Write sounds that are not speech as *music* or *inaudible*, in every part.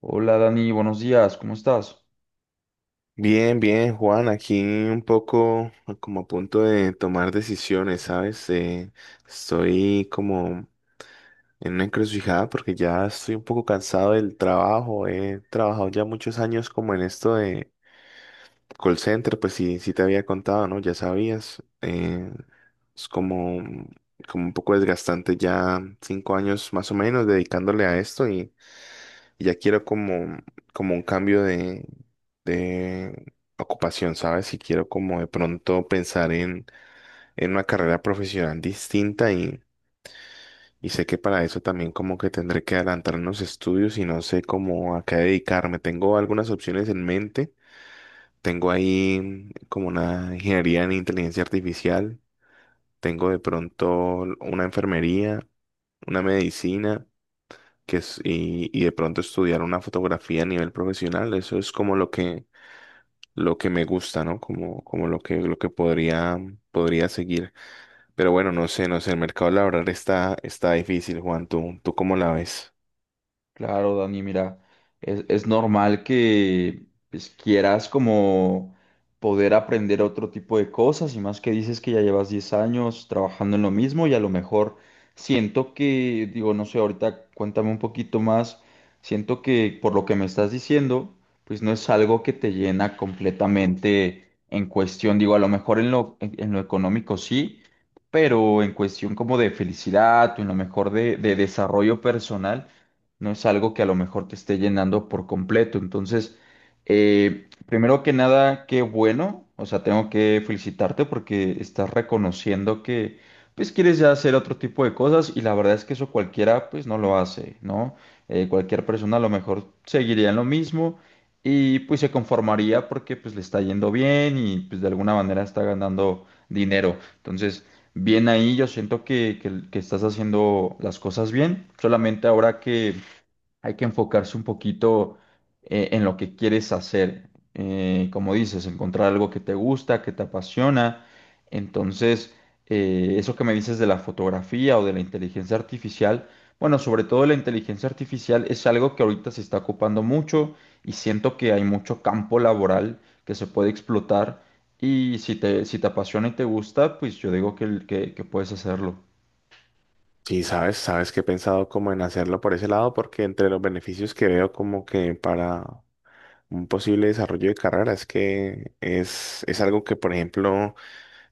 Hola Dani, buenos días, ¿cómo estás? Bien, bien, Juan, aquí un poco como a punto de tomar decisiones, ¿sabes? Estoy como en una encrucijada porque ya estoy un poco cansado del trabajo. He trabajado ya muchos años como en esto de call center, pues sí, sí te había contado, ¿no? Ya sabías. Es como, como un poco desgastante ya 5 años más o menos dedicándole a esto y ya quiero como, como un cambio de ocupación, ¿sabes? Y quiero como de pronto pensar en una carrera profesional distinta y sé que para eso también como que tendré que adelantar unos estudios y no sé cómo a qué dedicarme. Tengo algunas opciones en mente. Tengo ahí como una ingeniería en inteligencia artificial. Tengo de pronto una enfermería, una medicina. Y de pronto estudiar una fotografía a nivel profesional, eso es como lo que me gusta, ¿no? Como lo que podría seguir. Pero bueno, no sé, no sé, el mercado laboral está difícil, Juan, tú cómo la ves? Claro, Dani, mira, es normal que pues, quieras como poder aprender otro tipo de cosas y más que dices que ya llevas 10 años trabajando en lo mismo y a lo mejor siento que, digo, no sé, ahorita cuéntame un poquito más, siento que por lo que me estás diciendo, pues no es algo que te llena completamente en cuestión, digo, a lo mejor en lo económico sí, pero en cuestión como de felicidad o en lo mejor de desarrollo personal no es algo que a lo mejor te esté llenando por completo. Entonces, primero que nada, qué bueno, o sea, tengo que felicitarte porque estás reconociendo que pues quieres ya hacer otro tipo de cosas y la verdad es que eso cualquiera pues no lo hace, ¿no? Cualquier persona a lo mejor seguiría en lo mismo y pues se conformaría porque pues le está yendo bien y pues de alguna manera está ganando dinero. Entonces, bien ahí, yo siento que estás haciendo las cosas bien, solamente ahora que hay que enfocarse un poquito en lo que quieres hacer. Como dices, encontrar algo que te gusta, que te apasiona. Entonces, eso que me dices de la fotografía o de la inteligencia artificial, bueno, sobre todo la inteligencia artificial es algo que ahorita se está ocupando mucho y siento que hay mucho campo laboral que se puede explotar. Y si te apasiona y te gusta, pues yo digo que puedes hacerlo. Sí, sabes, sabes que he pensado como en hacerlo por ese lado, porque entre los beneficios que veo como que para un posible desarrollo de carrera es que es algo que, por ejemplo,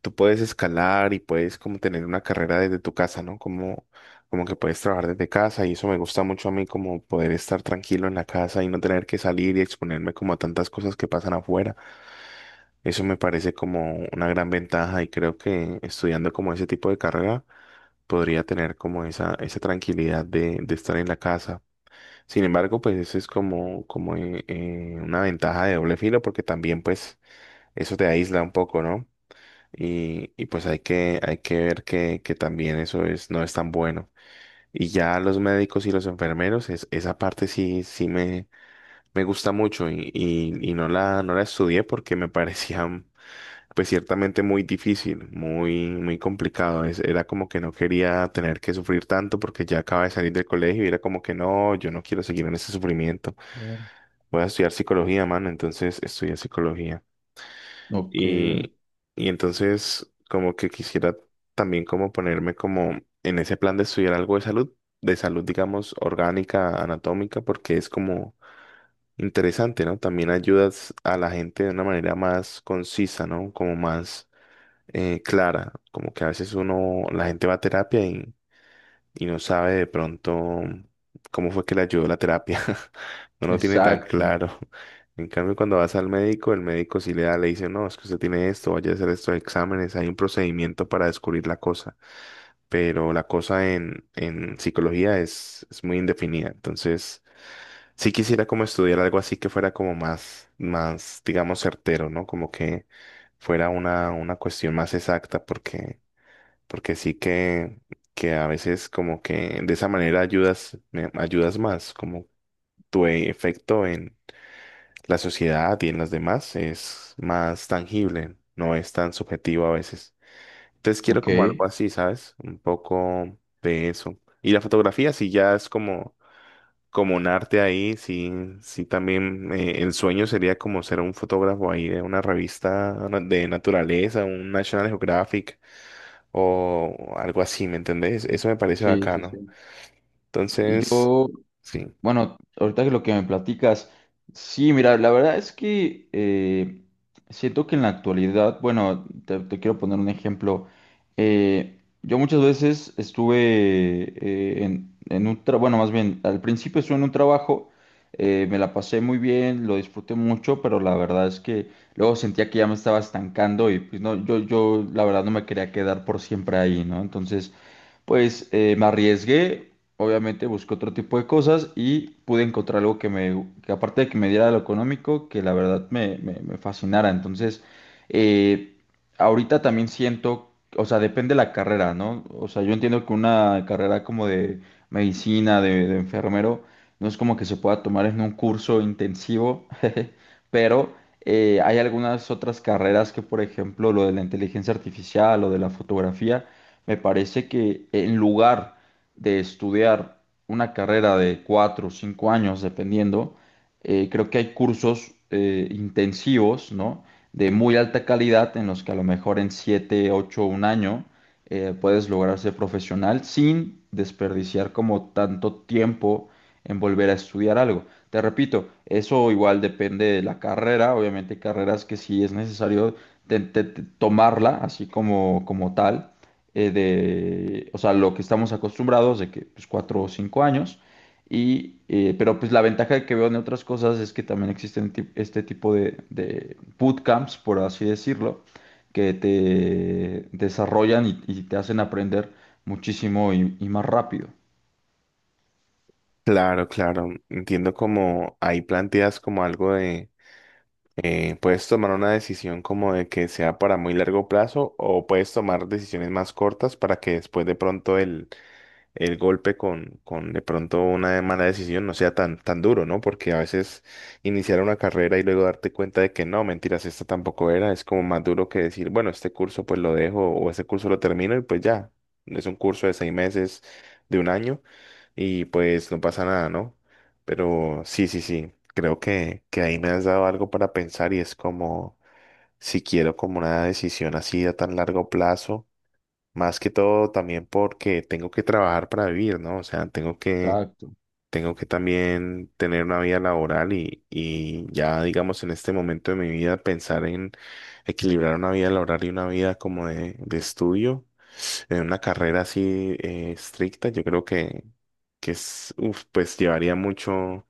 tú puedes escalar y puedes como tener una carrera desde tu casa, ¿no? Como, como que puedes trabajar desde casa y eso me gusta mucho a mí, como poder estar tranquilo en la casa y no tener que salir y exponerme como a tantas cosas que pasan afuera. Eso me parece como una gran ventaja y creo que estudiando como ese tipo de carrera podría tener como esa tranquilidad de estar en la casa. Sin embargo, pues eso es como, como una ventaja de doble filo porque también pues eso te aísla un poco, ¿no? Y pues hay que ver que también eso es, no es tan bueno. Y ya los médicos y los enfermeros, es, esa parte sí, sí me gusta mucho y no no la estudié porque me *laughs* parecía pues ciertamente muy difícil, muy, muy complicado. Era como que no quería tener que sufrir tanto porque ya acaba de salir del colegio y era como que no, yo no quiero seguir en ese sufrimiento. Claro. Voy a estudiar psicología, mano, entonces estudié psicología. Ok, Y, y entonces como que quisiera también como ponerme como en ese plan de estudiar algo de salud digamos orgánica, anatómica, porque es como interesante, ¿no? También ayudas a la gente de una manera más concisa, ¿no? Como más clara, como que a veces uno, la gente va a terapia y no sabe de pronto cómo fue que le ayudó la terapia. *laughs* No lo tiene tan exacto. claro. En cambio, cuando vas al médico, el médico sí le da, le dice, no, es que usted tiene esto, vaya a hacer estos exámenes, hay un procedimiento para descubrir la cosa. Pero la cosa en psicología es muy indefinida. Entonces, sí quisiera como estudiar algo así que fuera como más, más, digamos, certero, ¿no? Como que fuera una cuestión más exacta, porque porque sí que a veces como que de esa manera ayudas, ayudas más, como efecto en la sociedad y en las demás es más tangible, no es tan subjetivo a veces. Entonces quiero Ok. como algo así, ¿sabes? Un poco de eso. Y la fotografía sí ya es como, como un arte ahí, sí, sí también el sueño sería como ser un fotógrafo ahí de una revista de naturaleza, un National Geographic o algo así, ¿me entendés? Eso me parece Sí, sí, bacano. sí. Y Entonces, yo, sí, bueno, ahorita que lo que me platicas, sí, mira, la verdad es que siento que en la actualidad, bueno, te quiero poner un ejemplo. Yo muchas veces estuve en un trabajo, bueno, más bien, al principio estuve en un trabajo, me la pasé muy bien, lo disfruté mucho, pero la verdad es que luego sentía que ya me estaba estancando y pues no, yo la verdad no me quería quedar por siempre ahí, ¿no? Entonces pues me arriesgué, obviamente busqué otro tipo de cosas y pude encontrar algo que me, que aparte de que me diera lo económico, que la verdad me fascinara. Entonces, eh, ahorita también siento, o sea, depende la carrera, ¿no? O sea, yo entiendo que una carrera como de medicina, de enfermero, no es como que se pueda tomar en un curso intensivo, *laughs* pero hay algunas otras carreras que, por ejemplo, lo de la inteligencia artificial o de la fotografía me parece que en lugar de estudiar una carrera de 4 o 5 años, dependiendo, creo que hay cursos intensivos, ¿no? De muy alta calidad en los que a lo mejor en siete, ocho, un año puedes lograr ser profesional sin desperdiciar como tanto tiempo en volver a estudiar algo. Te repito, eso igual depende de la carrera, obviamente hay carreras que sí es necesario tomarla así como, como tal, o sea, lo que estamos acostumbrados de que pues 4 o 5 años. Y, pero pues la ventaja que veo en otras cosas es que también existen este tipo de bootcamps, por así decirlo, que te desarrollan y te hacen aprender muchísimo y más rápido. claro, claro, entiendo como ahí planteas como algo de, puedes tomar una decisión como de que sea para muy largo plazo o puedes tomar decisiones más cortas para que después de pronto el golpe con de pronto una mala decisión no sea tan, tan duro, ¿no? Porque a veces iniciar una carrera y luego darte cuenta de que no, mentiras, esta tampoco era, es como más duro que decir, bueno, este curso pues lo dejo o este curso lo termino y pues ya, es un curso de 6 meses, de un año y pues no pasa nada, ¿no? Pero sí, sí, sí, creo que ahí me has dado algo para pensar y es como si quiero como una decisión así a tan largo plazo más que todo también porque tengo que trabajar para vivir, ¿no? O sea, Exacto. tengo que también tener una vida laboral y ya, digamos, en este momento de mi vida pensar en equilibrar una vida laboral y una vida como de estudio, en una carrera así estricta, yo creo que es, uf, pues llevaría mucho,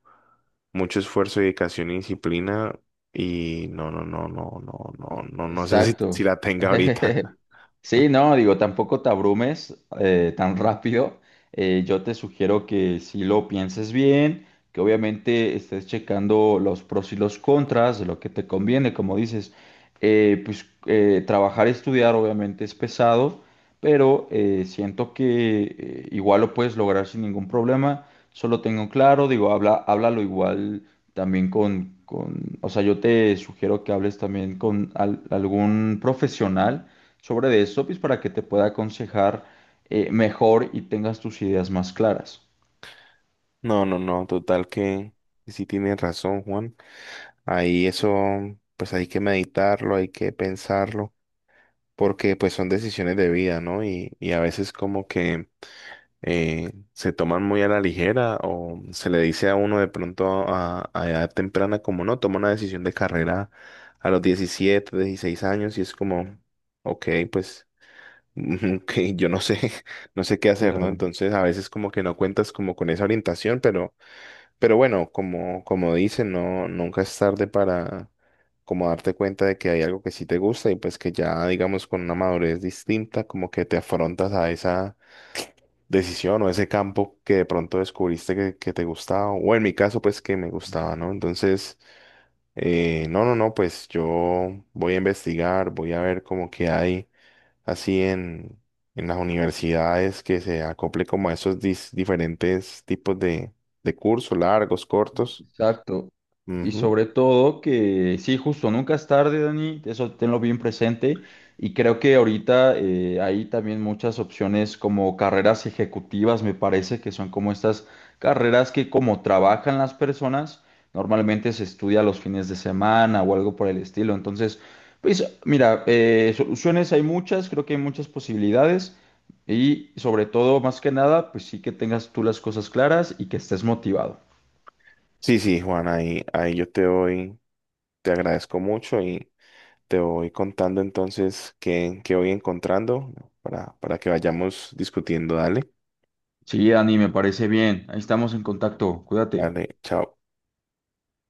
mucho esfuerzo, dedicación y disciplina y no, no, no, no, no, no, no, no sé *laughs* si, si Exacto. la tenga ahorita. *laughs* Sí, *laughs* no, digo, tampoco te abrumes tan rápido. Yo te sugiero que si lo pienses bien, que obviamente estés checando los pros y los contras de lo que te conviene, como dices, pues trabajar y estudiar obviamente es pesado, pero siento que igual lo puedes lograr sin ningún problema. Solo tengo claro, digo, háblalo igual también o sea, yo te sugiero que hables también con algún profesional sobre de eso, pues para que te pueda aconsejar mejor y tengas tus ideas más claras. No, no, no, total que sí tienes razón, Juan. Ahí eso, pues hay que meditarlo, hay que pensarlo, porque pues son decisiones de vida, ¿no? Y a veces como que se toman muy a la ligera o se le dice a uno de pronto a edad temprana como no, toma una decisión de carrera a los 17, 16 años y es como, ok, pues *laughs* que yo no sé, *laughs* no sé qué hacer, ¿no? Claro. Entonces a veces como que no cuentas como con esa orientación, pero... Pero bueno, como, como dicen, no, nunca es tarde para como darte cuenta de que hay algo que sí te gusta y pues que ya digamos con una madurez distinta como que te afrontas a esa decisión o ese campo que de pronto descubriste que te gustaba o en mi caso pues que me gustaba, ¿no? Entonces, no, no, no, pues yo voy a investigar, voy a ver como que hay así en las universidades que se acople como a esos diferentes tipos de cursos, largos, cortos. Exacto. Y Ujú. sobre todo que sí, justo, nunca es tarde, Dani, eso tenlo bien presente. Y creo que ahorita hay también muchas opciones como carreras ejecutivas, me parece, que son como estas carreras que como trabajan las personas, normalmente se estudia los fines de semana o algo por el estilo. Entonces, pues mira, soluciones hay muchas, creo que hay muchas posibilidades. Y sobre todo, más que nada, pues sí que tengas tú las cosas claras y que estés motivado. Sí, sí, Juan, ahí, ahí yo te doy, te agradezco mucho y te voy contando entonces qué, qué voy encontrando para que vayamos discutiendo. Dale, Sí, Dani, me parece bien. Ahí estamos en contacto. Cuídate. dale, chao.